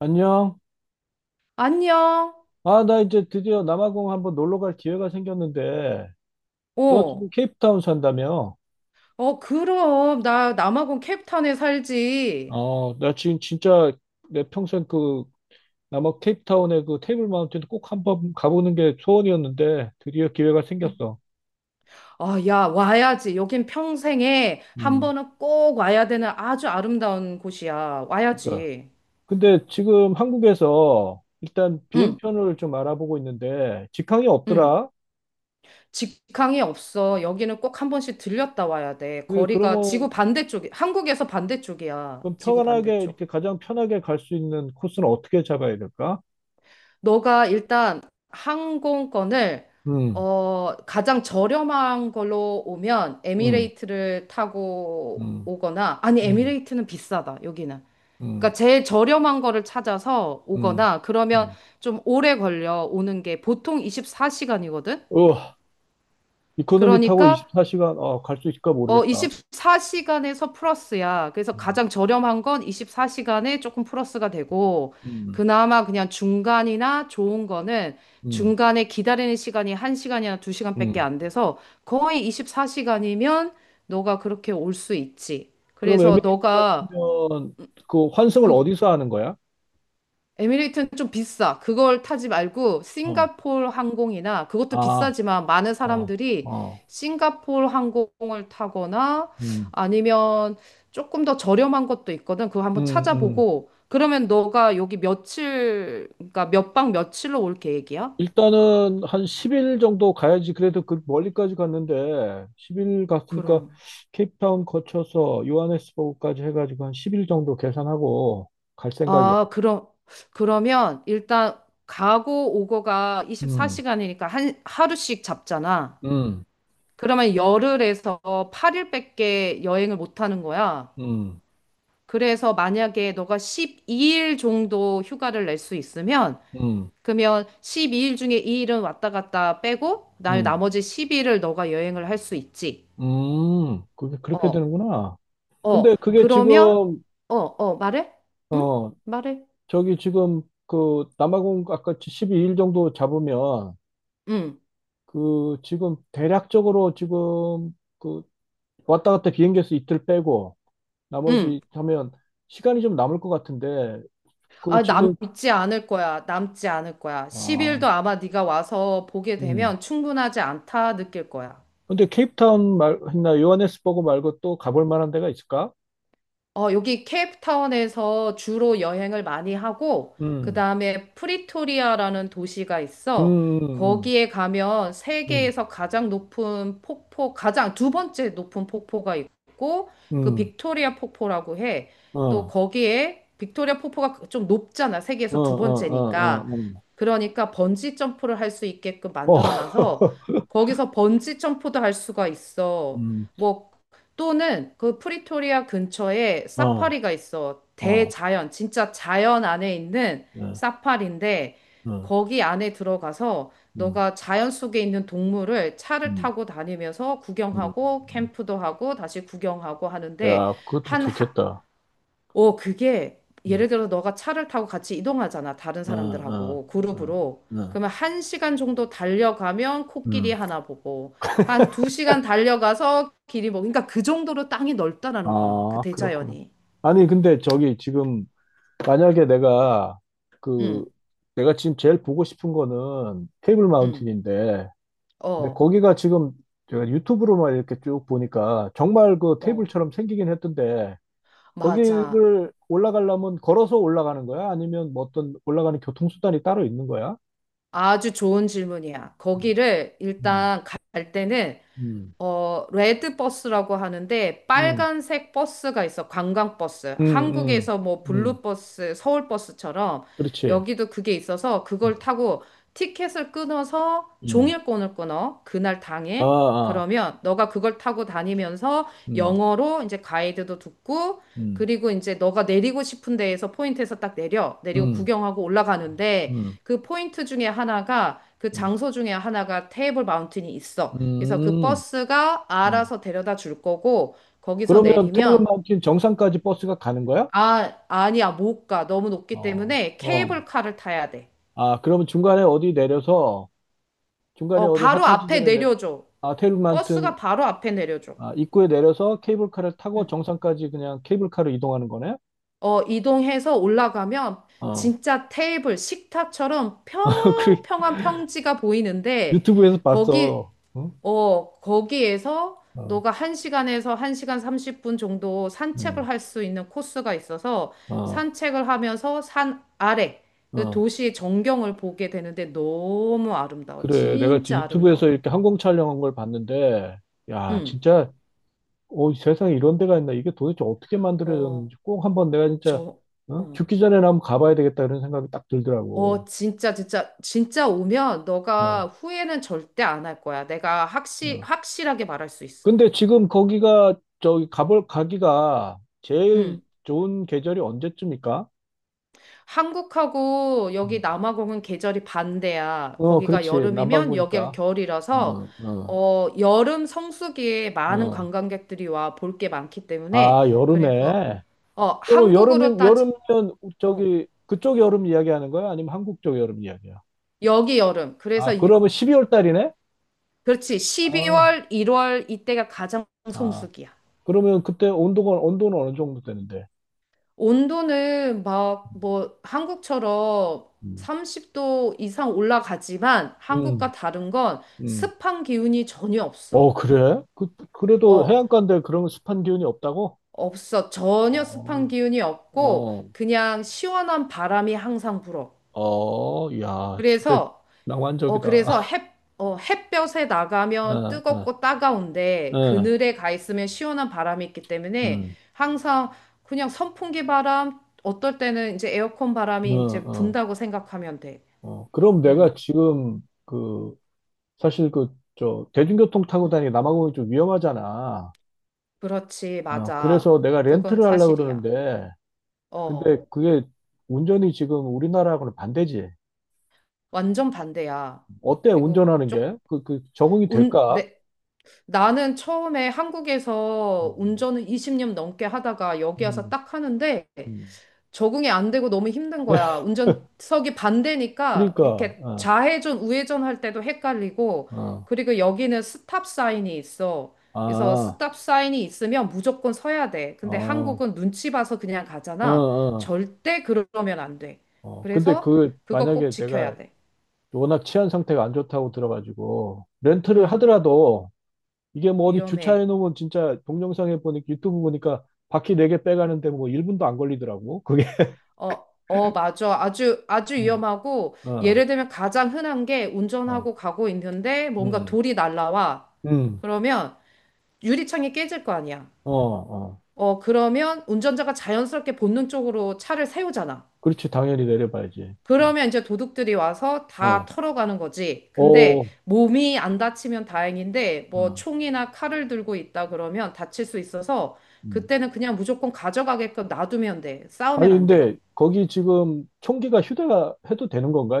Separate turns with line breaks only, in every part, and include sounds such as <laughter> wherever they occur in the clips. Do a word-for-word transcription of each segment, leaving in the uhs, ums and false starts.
안녕.
안녕.
아, 나 이제 드디어 남아공 한번 놀러 갈 기회가 생겼는데, 너 지금
어.
케이프타운 산다며?
어, 그럼. 나 남아공 캡탄에 살지.
어, 나 지금 진짜 내 평생 그 남아 케이프타운의 그 테이블 마운틴 꼭 한번 가보는 게 소원이었는데, 드디어 기회가
응.
생겼어.
아, 야, 와야지. 여긴 평생에 한
음,
번은 꼭 와야 되는 아주 아름다운 곳이야.
그러니까.
와야지.
근데 지금 한국에서 일단
응,
비행편을 좀 알아보고 있는데, 직항이
응.
없더라?
직항이 없어. 여기는 꼭 한 번씩 들렸다 와야 돼.
그,
거리가 지구
그러면
반대쪽이, 한국에서 반대쪽이야.
좀
지구
편하게,
반대쪽.
이렇게 가장 편하게 갈 수 있는 코스는 어떻게 잡아야 될까?
너가 일단 항공권을
음,
어, 가장 저렴한 걸로 오면
음,
에미레이트를 타고
음,
오거나 아니
음.
에미레이트는 비싸다 여기는.
음,
그러니까 제일 저렴한 거를 찾아서
음,
오거나 그러면
음.
좀 오래 걸려 오는 게 보통 이십사 시간이거든.
어, 이코노미 타고
그러니까
이십사 시간, 어, 갈 수 있을까
어,
모르겠다.
이십사 시간에서 플러스야. 그래서
음,
가장 저렴한 건 이십사 시간에 조금 플러스가 되고,
음,
그나마 그냥 중간이나 좋은 거는
음,
중간에 기다리는 시간이 한 시간이나 두 시간밖에
음.
안 돼서 거의 이십사 시간이면 너가 그렇게 올 수 있지.
그럼
그래서
에미레이트
너가
같으면 그 환승을
그
어디서 하는 거야?
에미레이트는 좀 비싸. 그걸 타지 말고
어,
싱가포르 항공이나 그것도
아,
비싸지만 많은
어,
사람들이
어,
싱가포르 항공을 타거나
음,
아니면 조금 더 저렴한 것도 있거든. 그거
음,
한번
음.
찾아보고 그러면 너가 여기 며칠 그러니까 몇 박 며칠로 올 계획이야?
일단은 한 십 일 정도 가야지. 그래도 그 멀리까지 갔는데, 십 일 갔으니까
그럼.
케이프타운 거쳐서 요하네스버그까지 해가지고 한 십 일 정도 계산하고 갈 생각이야.
아, 그럼 그러면 일단 가고 오고가
음,
이십사 시간이니까 한 하루씩 잡잖아.
음,
그러면 열흘에서 팔 일밖에 여행을 못 하는 거야.
음,
그래서 만약에 너가 십이 일 정도 휴가를 낼 수 있으면,
음,
그러면 십이 일 중에 이 일은 왔다 갔다 빼고, 나
음.
나머지 십 일을 너가 여행을 할 수 있지.
음, 그게 그렇게
어,
되는구나.
어,
근데 그게
그러면,
지금,
어, 어, 말해? 응?
어,
말해?
저기 지금 그 남아공 아까 십이 일 정도 잡으면
응,
그 지금 대략적으로 지금 그 왔다 갔다 비행기에서 이틀 빼고
응.
나머지 하면 시간이 좀 남을 것 같은데 그
아,
지금,
남지 않을 거야. 남지 않을 거야. 십 일도
아,
아마 네가 와서 보게
음.
되면 충분하지 않다 느낄 거야.
근데 케이프타운 말, 했나 요하네스버그 말고 또 가볼 만한 데가 있을까?
어, 여기 케이프타운에서 주로 여행을 많이 하고, 그
음,
다음에 프리토리아라는 도시가 있어.
음, 음,
거기에 가면
음,
세계에서 가장 높은 폭포, 가장 두 번째 높은 폭포가 있고, 그
음,
빅토리아 폭포라고 해.
음. 어,
또
어,
거기에 빅토리아 폭포가 좀 높잖아.
어,
세계에서 두
어,
번째니까.
어. 어.
그러니까 번지 점프를 할 수 있게끔
어,
만들어 놔서
<laughs>
거기서 번지 점프도 할 수가 있어.
음,
뭐 또는 그 프리토리아 근처에
어,
사파리가 있어.
어,
대자연, 진짜 자연 안에 있는
예,
사파리인데
음,
거기 안에 들어가서
음,
너가 자연 속에 있는 동물을 차를
음,
타고 다니면서
음.
구경하고 캠프도 하고 다시 구경하고 하는데
야, 그것도
한,
좋겠다.
어, 그게
음,
예를 들어 너가 차를 타고 같이 이동하잖아. 다른
어,
사람들하고
어, 어,
그룹으로.
어,
그러면 한 시간 정도 달려가면 코끼리
음.
하나 보고 한 두 시간 달려가서 길이 뭐 그러니까 그 정도로 땅이 넓다라는 거야. 그
아, 그렇구나.
대자연이.
아니, 근데 저기 지금 만약에 내가 그
응,
내가 지금 제일 보고 싶은 거는 테이블
응.
마운틴인데, 근데
어,
거기가 지금 제가 유튜브로만 이렇게 쭉 보니까 정말 그
어.
테이블처럼 생기긴 했던데
맞아.
거기를 올라가려면 걸어서 올라가는 거야? 아니면 뭐 어떤 올라가는 교통수단이 따로 있는 거야?
아주 좋은 질문이야. 거기를
음,
일단 갈 때는
음,
어, 레드 버스라고 하는데
음,
빨간색 버스가 있어. 관광 버스.
음, 음,
한국에서 뭐
음,
블루 버스, 서울 버스처럼
그렇지.
여기도 그게 있어서 그걸
음,
타고 티켓을 끊어서
음,
종일권을 끊어. 그날
아,
당일.
아,
그러면 너가 그걸 타고 다니면서
음,
영어로 이제 가이드도 듣고
음,
그리고 이제 너가 내리고 싶은 데에서 포인트에서 딱 내려. 내리고
음,
구경하고 올라가는데
음,
그 포인트 중에 하나가 그
음,
장소 중에 하나가 테이블 마운틴이 있어. 그래서 그
음.
버스가
음.
알아서 데려다 줄 거고, 거기서
그러면 테이블
내리면,
마운틴 정상까지 버스가 가는 거야?
아, 아니야, 못 가. 너무 높기
어,
때문에
어.
케이블카를 타야 돼.
아, 그러면 중간에 어디 내려서, 중간에
어,
어디
바로
하차
앞에
지점에 내,
내려줘.
아, 테이블
버스가
마운틴
바로 앞에 내려줘.
아, 입구에 내려서 케이블카를 타고 정상까지 그냥 케이블카로 이동하는 거네?
어, 이동해서 올라가면
어.
진짜 테이블, 식탁처럼
<laughs> 그
평평한 평지가 보이는데,
유튜브에서
거기
봤어. 응?
어, 거기에서
어,
너가 한 시간에서 한 시간 삼십 분 정도 산책을
음,
할 수 있는 코스가 있어서
어,
산책을 하면서 산 아래 그
어.
도시의 전경을 보게 되는데 너무 아름다워.
그래. 내가 지금
진짜
유튜브에서
아름다워.
이렇게 항공 촬영한 걸 봤는데, 야,
응.
진짜, 어, 세상에 이런 데가 있나? 이게 도대체 어떻게
어,
만들어졌는지 꼭 한번 내가 진짜,
저,
어?
어.
죽기 전에 나 한번 가봐야 되겠다 이런 생각이 딱 들더라고.
어, 진짜, 진짜, 진짜 오면 너가
어,
후회는 절대 안 할 거야. 내가 확실,
어.
확실하게 말할 수 있어.
근데 지금 거기가, 저기, 가볼, 가기가 제일
응.
좋은 계절이 언제쯤일까?
한국하고 여기
음.
남아공은 계절이 반대야.
어,
거기가
그렇지.
여름이면 여기가
남반구니까. 어,
겨울이라서
어,
어, 여름 성수기에 많은
어.
관광객들이 와 볼 게 많기 때문에
아,
그래서
여름에.
어,
그러면
한국으로
여름이,
따지
여름이면
어,
저기, 그쪽 여름 이야기하는 거야? 아니면 한국 쪽 여름 이야기야?
여기 여름. 그래서
아,
이-
그러면 십이 월 달이네?
그렇지.
아,
십이월, 일월 이때가 가장
아.
성수기야.
그러면 그때 온도가, 온도는 어느 정도 되는데?
온도는 막 뭐 한국처럼
음,
삼십 도 이상 올라가지만
음.
한국과 다른 건
음.
습한 기운이 전혀
어,
없어.
그래? 그, 그래도
어,
해안가인데 그런 습한 기운이 없다고?
없어. 전혀 습한
어,
기운이 없고
어,
그냥 시원한 바람이 항상 불어.
어, 야, 진짜
그래서 어
낭만적이다.
그래서
<laughs>
햇 어, 햇볕에 나가면
어, 어,
뜨겁고 따가운데
어,
그늘에 가 있으면 시원한 바람이 있기 때문에
음,
항상 그냥 선풍기 바람 어떨 때는 이제 에어컨
어,
바람이 이제
어.
분다고 생각하면 돼.
어, 그럼
음.
내가 지금 그 사실 그 저 대중교통 타고
음.
다니기 남아공이 좀 위험하잖아.
그렇지.
아,
맞아.
그래서 내가
그건
렌트를 하려고
사실이야.
그러는데
어.
근데 그게 운전이 지금 우리나라하고는 반대지.
완전 반대야.
어때
그리고
운전하는 게?
쪽
그, 그 적응이
운,
될까?
내, 나는 처음에 한국에서
음,
운전을 이십 년 넘게 하다가 여기 와서
음,
딱 하는데
음.
적응이 안 되고 너무 힘든
네,
거야. 운전석이 반대니까
그러니까
이렇게
어,
좌회전, 우회전 할 때도 헷갈리고
어,
그리고 여기는 스탑 사인이 있어. 그래서
아,
스탑 사인이 있으면 무조건 서야 돼. 근데
어,
한국은 눈치 봐서 그냥
어,
가잖아.
어,
절대 그러면 안 돼.
어. 근데
그래서
그
그거 꼭
만약에
지켜야
내가
돼.
워낙 치안 상태가 안 좋다고 들어가지고 렌트를
음,
하더라도 이게 뭐 어디 주차해
위험해.
놓으면 진짜 동영상에 보니까 유튜브 보니까 바퀴 네 개 빼가는데 뭐 일 분도 안 걸리더라고. 그게.
어, 어, 맞아. 아주, 아주
어,
위험하고, 예를
어,
들면 가장 흔한 게
어,
운전하고 가고 있는데 뭔가
음,
돌이 날라와.
음,
그러면 유리창이 깨질 거 아니야.
어, 어.
어, 그러면 운전자가 자연스럽게 본능적으로 차를 세우잖아.
그렇지. 당연히 내려봐야지. 음,
그러면 이제 도둑들이 와서 다
어,
털어가는 거지. 근데
오,
몸이 안 다치면 다행인데, 뭐
어,
총이나 칼을 들고 있다 그러면 다칠 수 있어서
음.
그때는 그냥 무조건 가져가게끔 놔두면 돼.
아니,
싸우면 안 돼.
근데 거기 지금 총기가 휴대가 해도 되는 건가?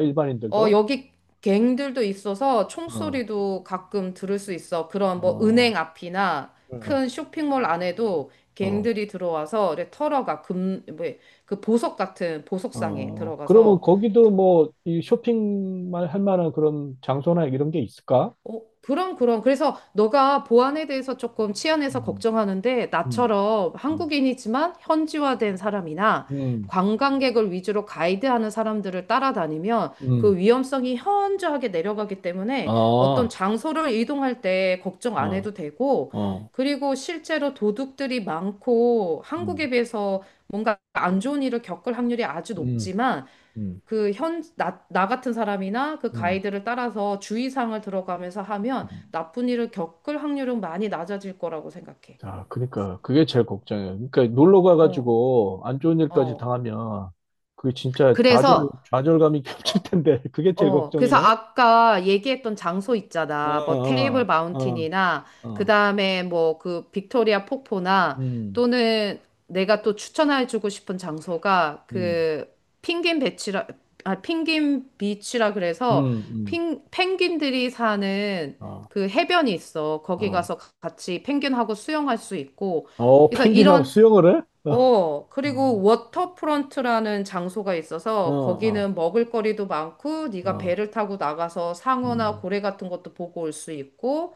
어,
일반인들도?
여기 갱들도 있어서
어,
총소리도 가끔 들을 수 있어. 그런 뭐
어,
은행 앞이나
어,
큰 쇼핑몰 안에도
어.
갱들이 들어와서 이렇게 털어가 금, 뭐, 그 보석 같은 보석상에
어, 그러면
들어가서
거기도 뭐 이 쇼핑만 할 만한 그런 장소나 이런 게 있을까?
어, 그럼, 그럼. 그래서 너가 보안에 대해서 조금 치안에서
음,
걱정하는데,
음,
나처럼
음.
한국인이지만 현지화된 사람이나
음.
관광객을 위주로 가이드하는 사람들을 따라다니면
음,
그 위험성이 현저하게 내려가기
아,
때문에 어떤
어,
장소를 이동할 때 걱정 안 해도 되고,
어,
그리고 실제로 도둑들이 많고
음,
한국에 비해서 뭔가 안 좋은 일을 겪을 확률이 아주
음,
높지만
음,
그 현, 나, 나 같은 사람이나 그
음.
가이드를 따라서 주의사항을 들어가면서 하면
음.
나쁜 일을 겪을 확률은 많이 낮아질 거라고 생각해.
자, 그러니까 그게 제일 걱정이에요. 그러니까 놀러
어,
가가지고 안 좋은 일까지
어.
당하면 그게 진짜 좌절,
그래서,
좌절감이 <laughs> 겹칠
어,
텐데 그게 제일
어, 그래서
걱정이네.
아까 얘기했던 장소
어,
있잖아. 뭐 테이블
어, 어,
마운틴이나
어,
그다음에 뭐 그 빅토리아 폭포나
음,
또는 내가 또 추천해주고 싶은 장소가
음,
그 펭귄 배치라 아 펭귄 비치라 그래서
음, 음,
펭 펭귄들이 사는
어,
그 해변이 있어. 거기
어,
가서 같이 펭귄하고 수영할 수 있고.
어,
그래서
펭귄하고
이런
수영을 해? 어,
어,
어,
그리고 워터프론트라는 장소가 있어서
어,
거기는 먹을거리도 많고
어,
네가
어,
배를 타고 나가서 상어나
음,
고래 같은 것도 보고 올 수 있고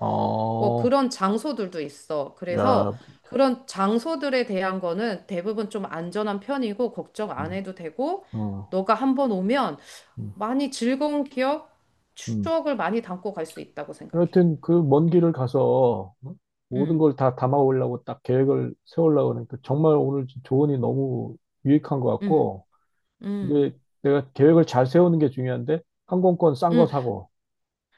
뭐
어,
그런 장소들도 있어.
야,
그래서 그런 장소들에 대한 거는 대부분 좀 안전한 편이고 걱정 안
음,
해도 되고
어,
너가 한번 오면
음.
많이 즐거운 기억,
음.
추억을 많이 담고 갈 수 있다고 생각해.
여하튼 그 먼 길을 가서 어? 모든
음,
걸 다 담아오려고 딱 계획을 세우려고 하니까 정말 오늘 조언이 너무 유익한 것
음,
같고
음,
이제 내가 계획을 잘 세우는 게 중요한데 항공권 싼 거
음.
사고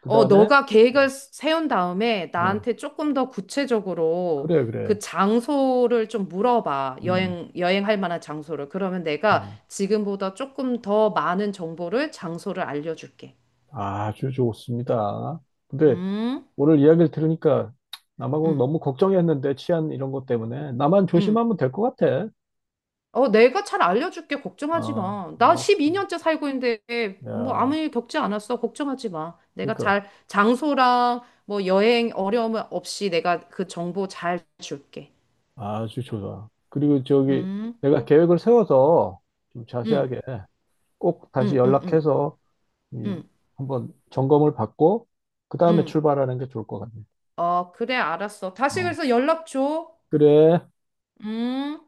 그
어,
다음에
너가 계획을 세운 다음에
어,
나한테 조금 더 구체적으로
그래
그
그래
장소를 좀 물어봐.
음,
여행, 여행할 만한 장소를. 그러면 내가
음.
지금보다 조금 더 많은 정보를, 장소를 알려줄게.
아주 좋습니다. 근데
음,
오늘 이야기를 들으니까 남아공
음,
너무 걱정했는데 치안 이런 것 때문에 나만
음.
조심하면 될 것 같아.
어, 내가 잘 알려줄게. 걱정하지
어,
마. 나
오케이.
십이 년째 살고 있는데 뭐 아무
야,
일 겪지 않았어. 걱정하지 마. 내가
그러니까.
잘 장소랑 뭐 여행 어려움 없이 내가 그 정보 잘 줄게.
아주 좋아. 그리고 저기
음,
내가 계획을 세워서 좀
음,
자세하게 꼭 다시
음, 음, 음.
연락해서 이
음.
한번 점검을 받고 그 다음에
응.
출발하는 게 좋을 것 같네.
어, 그래, 알았어. 다시
어.
그래서 연락 줘.
그래.
음.